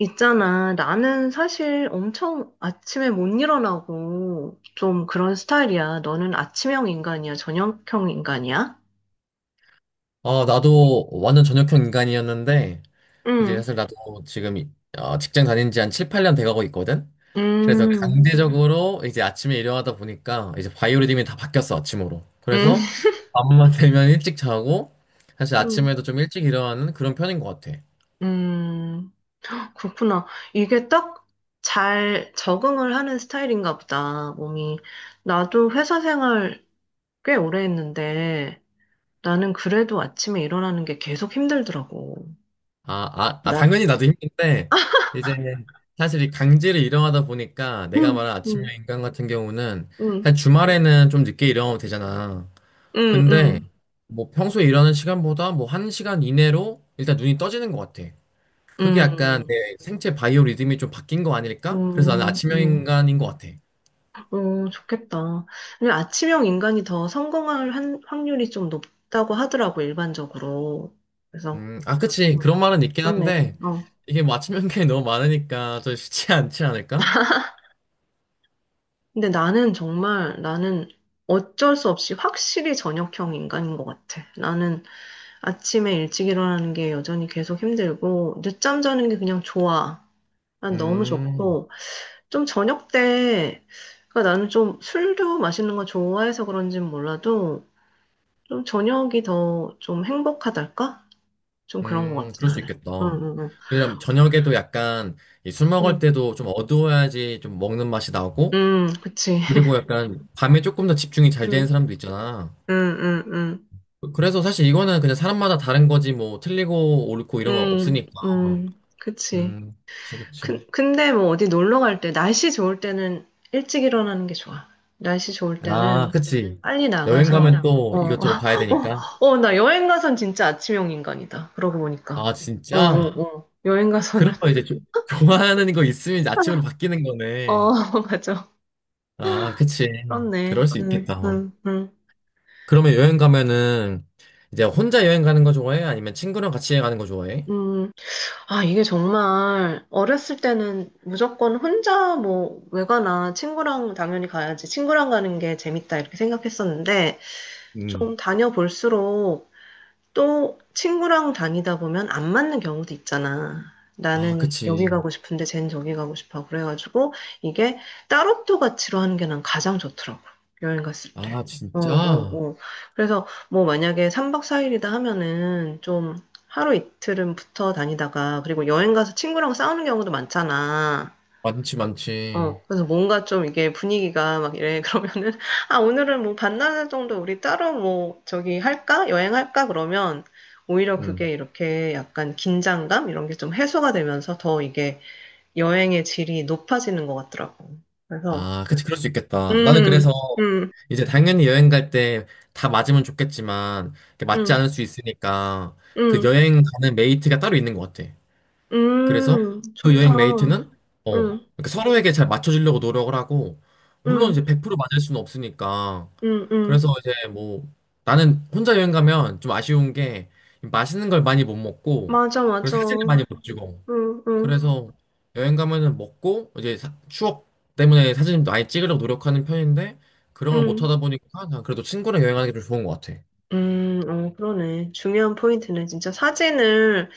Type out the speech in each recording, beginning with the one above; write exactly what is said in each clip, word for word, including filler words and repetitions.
있잖아. 나는 사실 엄청 아침에 못 일어나고 좀 그런 스타일이야. 너는 아침형 인간이야? 저녁형 인간이야? 어 나도 완전 전역형 인간이었는데, 이제 응, 사실 나도 지금 이- 어, 직장 다닌 지 한 칠, 팔 년 돼가고 있거든? 그래서 음, 강제적으로 이제 아침에 일어나다 보니까 이제 바이오리듬이 다 바뀌었어, 아침으로. 음, 그래서 밤만 되면 일찍 자고, 사실 음, 아침에도 좀 일찍 일어나는 그런 편인 것 같아. 음. 그렇구나. 이게 딱 잘 적응을 하는 스타일인가 보다, 몸이. 나도 회사 생활 꽤 오래 했는데 나는 그래도 아침에 일어나는 게 계속 힘들더라고. 아, 아, 아, 나, 당연히 나도 힘든데, 이제 사실 이 강제로 일어나다 보니까 내가 응, 말한 응, 아침형 인간 같은 경우는 응, 사실 주말에는 좀 늦게 일어나면 되잖아. 응, 근데 응, 뭐 평소에 일하는 시간보다 뭐 한시간 이내로 일단 눈이 떠지는 것 같아. 그게 약간 응. 내 생체 바이오 리듬이 좀 바뀐 거 아닐까? 그래서 나는 음, 아침형 음, 인간인 것 같아. 어, 좋겠다. 근데 아침형 인간이 더 성공할 한- 확률이 좀 높다고 하더라고, 일반적으로. 그래서, 음, 아, 그치. 어, 그런 말은 있긴 좋네. 한데 어. 이게 뭐 아침 인간이 너무 많으니까 좀 쉽지 않지 않을까? 근데 나는 정말, 나는 어쩔 수 없이 확실히 저녁형 인간인 것 같아. 나는 아침에 일찍 일어나는 게 여전히 계속 힘들고, 늦잠 자는 게 그냥 좋아. 난 너무 음, 좋고, 좀 저녁 때, 그러니까 나는 좀 술도 마시는 거 좋아해서 그런진 몰라도, 좀 저녁이 더 좀 행복하달까? 좀 그런 것 음, 같진 그럴 않수 는 있겠다. 응, 응, 왜냐면 저녁에도 약간 이술 먹을 응. 때도 좀 어두워야지 좀 먹는 맛이 나고 응, 응, 그치. 그리고 약간 밤에 조금 더 집중이 잘 되는 응, 사람도 있잖아. 응, 응, 응. 그래서 사실 이거는 그냥 사람마다 다른 거지 뭐 틀리고 옳고 이런 거 응, 없으니까. 응, 그치. 음, 그치, 그치. 근, 근데 뭐 어디 놀러 갈 때, 날씨 좋을 때는 일찍 일어나는 게 좋아. 날씨 좋을 아, 때는 그치. 빨리 여행 나가서, 가면 또 어, 이것저것 봐야 되니까. 어, 나 여행 가선 진짜 아침형 인간이다. 그러고 보니까. 아, 어, 진짜? 어, 어. 여행 그러 가서는, 면 이제 음. 조- 좋아하는 거 있으면 이제 아침으로 바뀌는 거네. 어, 맞아. 아, 그치. 그럴 그렇네. 수 응, 있겠다. 어. 응, 응, 그러면 여행 가면은 이제 혼자 여행 가는 거 좋아해? 아니면 친구랑 같이 가는 거 좋아해? 응. 아, 이게 정말 어렸을 때는 무조건 혼자 뭐 외가나 친구랑 당연히 가야지 친구랑 가는 게 재밌다 이렇게 생각했었는데 음. 좀 다녀볼수록 또 친구랑 다니다 보면 안 맞는 경우도 있잖아. 아, 나는 여기 그치. 가고 싶은데 쟨 저기 가고 싶어. 그래가지고 이게 따로또 같이로 하는 게 난 가장 좋더라고. 여행 갔을 아, 때. 어, 어, 진짜? 어. 그래서 뭐 만약에 삼 박 사 일이다 하면은 좀 하루 이틀은 붙어 다니다가 그리고 여행 가서 친구랑 싸우는 경우도 많잖아. 많지, 어, 많지. 그래서 뭔가 좀 이게 분위기가 막 이래. 그러면은, 아, 오늘은 뭐 반나절 정도 우리 따로 뭐 저기 할까? 여행할까? 그러면 오히려 그게 음. 이렇게 약간 긴장감? 이런 게 좀 해소가 되면서 더 이게 여행의 질이 높아지는 것 같더라고. 그래서, 아, 그치, 그 그럴 수 있겠다. 나는 음, 그래서 음, 이제 당연히 여행 갈 때 다 맞으면 좋겠지만, 이렇게 맞지 음, 않을 수 있으니까, 그 음, 여행 가는 메이트가 따로 있는 것 같아. 그래서 음, 음, 그 좋다. 여행 메이트는, 어, 음, 이렇게 서로에게 잘 맞춰주려고 노력을 하고, 물론 음, 이제 백 퍼센트 맞을 수는 없으니까. 음, 음. 그래서 이제 뭐, 나는 혼자 여행 가면 좀 아쉬운 게, 맛있는 걸 많이 못 먹고, 맞아, 맞아. 그리고 사진을 음, 많이 못 찍어. 음, 그래서 여행 가면은 먹고 이제 사- 추억 때문에 사진 많이 찍으려고 노력하는 편인데 그런 걸 못 음. 하다 보니까 난 그래도 친구랑 여행하는 게 좀 좋은 것 같아. 음, 어, 그러네. 중요한 포인트는 진짜 사진을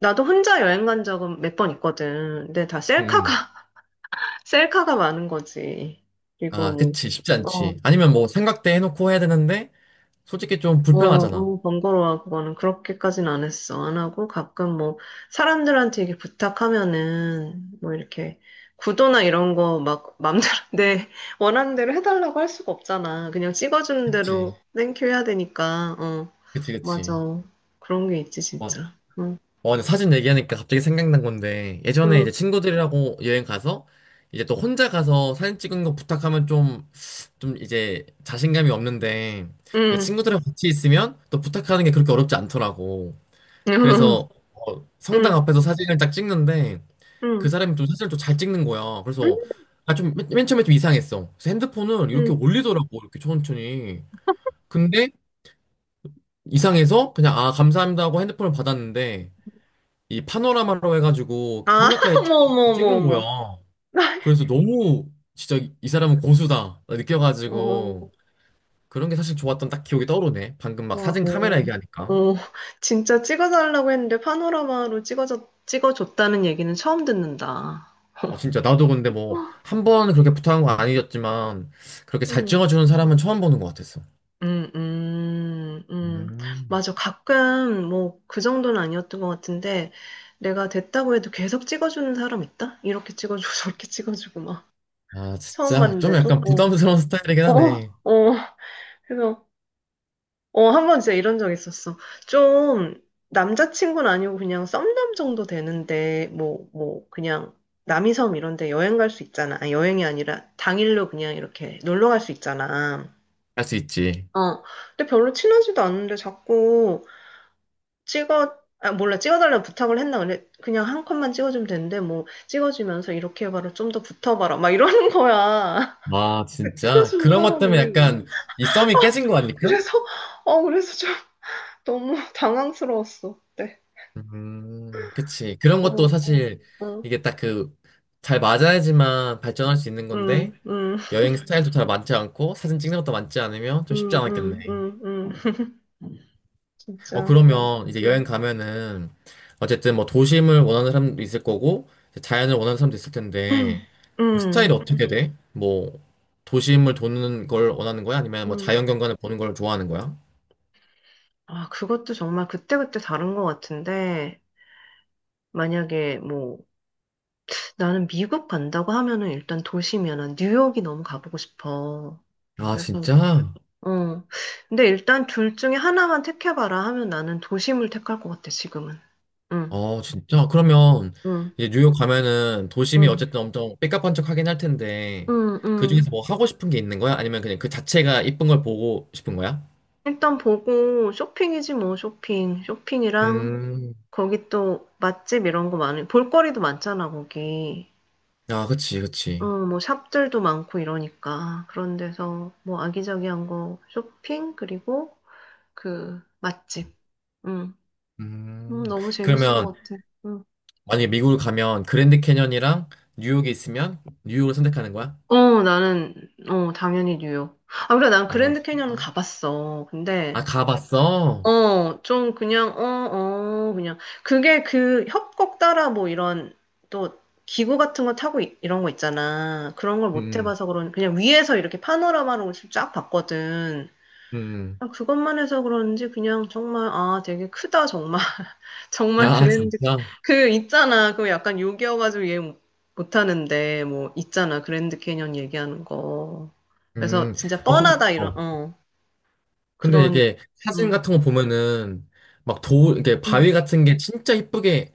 나도 혼자 여행 간 적은 몇 번 있거든. 근데 다 응, 셀카가, 응. 셀카가 많은 거지. 아, 그리고 그치. 쉽지 뭐, 어, 않지. 아니면 뭐 생각대 해놓고 해야 되는데 솔직히 좀 어, 불편하잖아. 어, 번거로워. 그거는 그렇게까지는 안 했어. 안 하고 가끔 뭐, 사람들한테 이게 부탁하면은, 뭐 이렇게, 구도나 이런 거 막 맘대로 내 원하는 대로 해달라고 할 수가 없잖아. 그냥 찍어주는 그치. 대로 땡큐 해야 되니까. 어, 그치, 맞아. 그치. 그런 게 있지, 와, 진짜. 응, 와, 근데 사진 얘기하니까 갑자기 생각난 건데 예전에 응, 이제 친구들이라고 여행 가서 이제 또 혼자 가서 사진 찍은 거 부탁하면 좀 좀 이제 자신감이 없는데 이제 응, 친구들이랑 같이 있으면 또 부탁하는 게 그렇게 어렵지 않더라고. 응, 그래서 어, 성당 응, 앞에서 사진을 딱 찍는데 그 응. 사람이 좀 사진을 좀 잘 찍는 거야. 그래서 아, 좀, 맨, 맨 처음에 좀 이상했어. 그래서 핸드폰을 이렇게 응. 올리더라고, 이렇게 천천히. 근데 이상해서 그냥 아, 감사합니다 하고 핸드폰을 받았는데 이 파노라마로 해가지고 아, 성당까지 쭉 어머, 어머, 어머, 찍은 거야. 어머. 그래서 너무 진짜 이 사람은 고수다 느껴가지고 그런 게 사실 좋았던 딱 기억이 떠오르네. 방금 막 어, 사진 카메라 어, 어, 얘기하니까. 어. 진짜 찍어달라고 했는데 파노라마로 찍어줬, 찍어줬다는 얘기는 처음 듣는다. 어, 진짜 나도 근데 뭐 한 번 그렇게 부탁한 건 아니었지만 그렇게 잘 음, 찍어주는 사람은 처음 보는 것 같았어. 음, 음, 음. 음. 맞아. 가끔 뭐 그 정도는 아니었던 것 같은데 내가 됐다고 해도 계속 찍어주는 사람 있다? 이렇게 찍어주고 저렇게 찍어주고 막 아 처음 진짜 좀 봤는데도. 약간 부담스러운 스타일이긴 어, 어, 하네. 어. 그래서 어, 한 번 진짜 이런 적 있었어. 좀, 남자친구는 아니고 그냥 썸남 정도 되는데, 뭐, 뭐, 그냥, 남이섬 이런 데 여행 갈 수 있잖아. 아니, 여행이 아니라 당일로 그냥 이렇게 놀러 갈 수 있잖아. 할 수 있지. 어. 근데 별로 친하지도 않은데 자꾸 찍어, 아, 몰라, 찍어달라고 부탁을 했나? 근데 그냥 한 컷만 찍어주면 되는데, 뭐, 찍어주면서 이렇게 해봐라, 좀 더 붙어봐라, 막 이러는 거야. 아 그 진짜 찍어주는 그런 것 때문에 사람이. 약간 이 썸이 깨진 거 아닐까? 그래서, 어, 그래서 좀 너무 당황스러웠어. 그때. 음 그치. 그런 것도 어. 사실 응, 이게 딱 그 잘 맞아야지만 발전할 수 있는 응, 건데 응, 여행 스타일도 잘 맞지 않고 사진 찍는 것도 맞지 않으면 좀 쉽지 응, 응, 않았겠네. 응, 응. 어, 진짜 그런, 그러면 이제 여행 응, 가면은 어쨌든 뭐 도심을 원하는 사람도 있을 거고 이제 자연을 원하는 사람도 있을 텐데 응, 스타일이 어떻게 음. 돼? 뭐 도심을 도는 걸 원하는 거야? 아니면 뭐 응. 자연 경관을 보는 걸 좋아하는 거야? 아, 그것도 정말 그때그때 다른 것 같은데, 만약에 뭐, 나는 미국 간다고 하면은 일단 도시면은 뉴욕이 너무 가보고 싶어. 아, 그래서, 진짜? 어. 근데 일단 둘 중에 하나만 택해봐라 하면 나는 도심을 택할 것 같아, 지금은. 응, 어, 진짜? 그러면 응, 이제 뉴욕 가면은 도심이 응, 어쨌든 엄청 삐까뻔쩍하긴 할 텐데 응, 그중에서 응. 뭐 하고 싶은 게 있는 거야? 아니면 그냥 그 자체가 이쁜 걸 보고 싶은 거야? 일단 보고 쇼핑이지 뭐, 쇼핑. 쇼핑이랑 음, 거기 또 맛집 이런 거 많이, 볼거리도 많잖아, 거기. 아, 그치, 어, 그치. 뭐 샵들도 많고 이러니까. 그런 데서 뭐 아기자기한 거 쇼핑, 그리고 그 맛집. 응. 음, 음, 너무 재밌을 그러면 것 같아. 응. 만약에 미국을 가면 그랜드 캐년이랑 뉴욕에 있으면 뉴욕을 선택하는 거야? 어, 나는, 어, 당연히 뉴욕. 아, 그래, 난 아, 그랜드 캐니언은 진짜? 가봤어. 아, 근데 가봤어? 어, 좀 그냥, 어, 어, 그냥. 그게 그 협곡 따라 뭐 이런 또 기구 같은 거 타고 이- 이런 거 있잖아. 그런 걸 못 음, 해봐서 그런, 그냥 위에서 이렇게 파노라마로 쫙 봤거든. 음. 그냥 그것만 해서 그런지 그냥 정말, 아, 되게 크다, 정말. 정말 아, 그랜드. 진짜? 그 있잖아. 그 약간 욕이어가지고 이해 못- 못하는데, 뭐, 있잖아. 그랜드 캐년 얘기하는 거. 그래서 음. 진짜 어, 근, 뻔하다, 어. 이런, 어, 근데 그런, 이게 사진 음, 같은 거 보면은 막 도, 이게 음, 바위 같은 게 진짜 이쁘게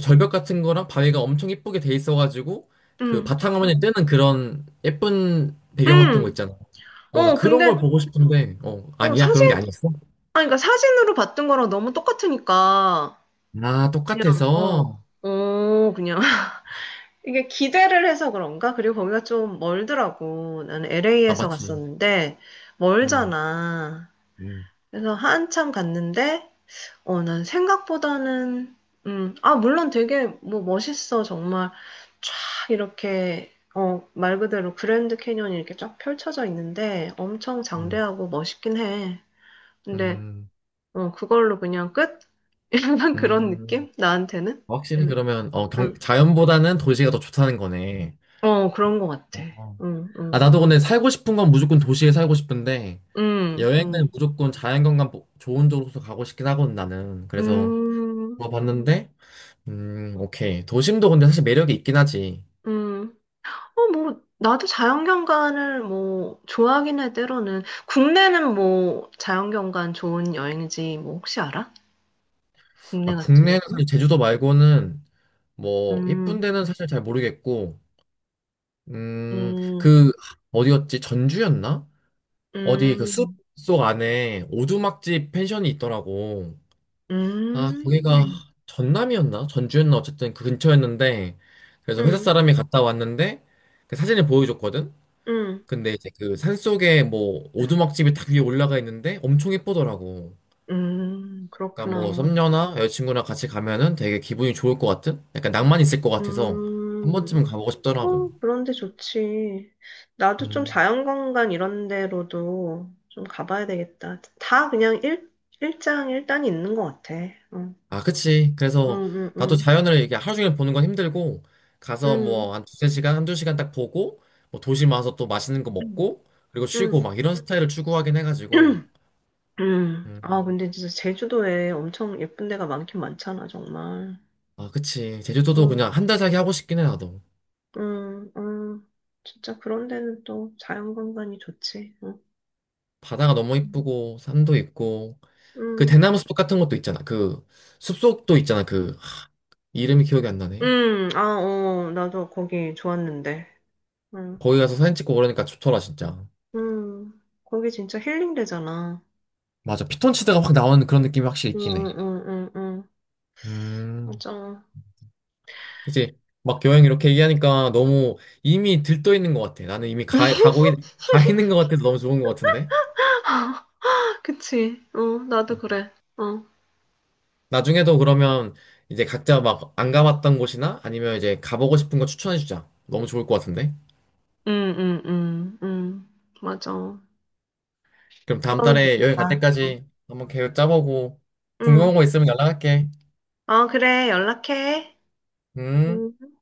절벽 같은 거랑 바위가 엄청 이쁘게 돼 있어가지고 그 음, 바탕화면에 뜨는 그런 예쁜 배경 같은 거 음. 있잖아. 어, 나 어, 그런 걸 근데, 보고 싶은데, 어, 어, 아니야? 그런 게 사진, 아니었어? 아, 그러니까 사진으로 봤던 거랑 너무 똑같으니까, 아, 그냥, 어, 똑같아서? 어, 그냥. 이게 기대를 해서 그런가? 그리고 거기가 좀 멀더라고. 나는 아, 엘에이에서 맞지. 갔었는데, 음, 멀잖아. 음, 그래서 한참 갔는데, 어, 난 생각보다는, 음, 아, 물론 되게 뭐 멋있어. 정말 쫙 이렇게, 어, 말 그대로 그랜드 캐니언이 이렇게 쫙 펼쳐져 있는데, 엄청 음, 장대하고 멋있긴 해. 근데, 음, 어, 그걸로 그냥 끝? 약간 그런 음. 느낌? 나한테는? 확실히 응, 그러면 어, 경- 응. 자연보다는 도시가 더 좋다는 거네. 어, 그런 것 같아. 어. 응, 아, 응. 나도 근데 살고 싶은 건 무조건 도시에 살고 싶은데 응, 여행은 응. 무조건 자연경관 보- 좋은 쪽으로 가고 싶긴 하거든 나는. 그래서 음, 물어봤는데 음, 오케이. 도심도 근데 사실 매력이 있긴 하지. 음. 어, 뭐, 나도 자연경관을 뭐, 좋아하긴 해, 때로는. 국내는 뭐, 자연경관 좋은 여행지, 뭐, 혹시 알아? 국내 아, 같은 국내는 사실 경우는? 제주도 말고는 뭐 이쁜 음, 데는 사실 잘 모르겠고 음, 음, 그 어디였지? 전주였나? 어디 그 숲 음, 속 안에 오두막집 펜션이 있더라고. 아, 거기가 음. 음, 전남이었나? 전주였나? 어쨌든 그 근처였는데, 그래서 회사 음, 사람이 음. 갔다 왔는데, 그 사진을 보여줬거든? 음, 근데 이제 그 산속에 뭐 오두막집이 딱 위에 올라가 있는데 엄청 예쁘더라고. 음, 약간 뭐 그렇구나. 썸녀나 여자친구랑 같이 가면은 되게 기분이 좋을 것 같은? 약간 낭만 있을 것 같아서 한 음, 번쯤은 가보고 싶더라고. 어, 그런데 좋지. 나도 좀 음. 자연관광 이런 데로도 좀 가봐야 되겠다. 다 그냥 일, 일장 일단이 있는 것 같아. 어, 아, 그치. 응, 그래서 응, 나도 응, 자연을 이게 하루 종일 보는 건 힘들고, 가서 응, 뭐 한 두세 시간, 한두 시간 딱 보고, 뭐 도시 와서 또 맛있는 거 응, 먹고, 그리고 응, 쉬고 막 이런 스타일을 추구하긴 해가지고. 응. 응. 아, 음. 근데 진짜 제주도에 엄청 예쁜 데가 많긴 많잖아, 정말. 아, 그치. 제주도도 응, 그냥 한달 살기 하고 싶긴 해, 나도. 응, 응. 진짜 그런 데는 또 자연관광이 좋지. 응, 바다가 너무 이쁘고, 산도 있고, 그 응, 대나무 숲 같은 것도 있잖아. 그 숲속도 있잖아. 그, 하, 이름이 기억이 안 나네. 응. 아, 어, 나도 거기 좋았는데. 응. 거기 가서 사진 찍고 그러니까 좋더라, 진짜. 음, 거기 진짜 힐링 되잖아. 맞아. 피톤치드가 확 나오는 그런 느낌이 확실히 응, 있긴 응, 해. 응, 응, 응. 음. 맞아. 이제 막 여행 이렇게 얘기하니까 너무 이미 들떠 있는 것 같아. 나는 이미 가, 가고 있, 가 있는 것 같아서 너무 좋은 것 같은데. 그치. 어, 나도 그래. 어. 나중에도 그러면 이제 각자 막 안 가봤던 곳이나 아니면 이제 가보고 싶은 거 추천해 주자. 너무 좋을 것 같은데. 응, 응, 응, 응. 맞아. 그럼 다음 그러면 달에 여행 갈 좋겠다. 때까지 한번 계획 짜보고 궁금한 응. 거 있으면 연락할게. 어, 그래. 연락해. 음. 음.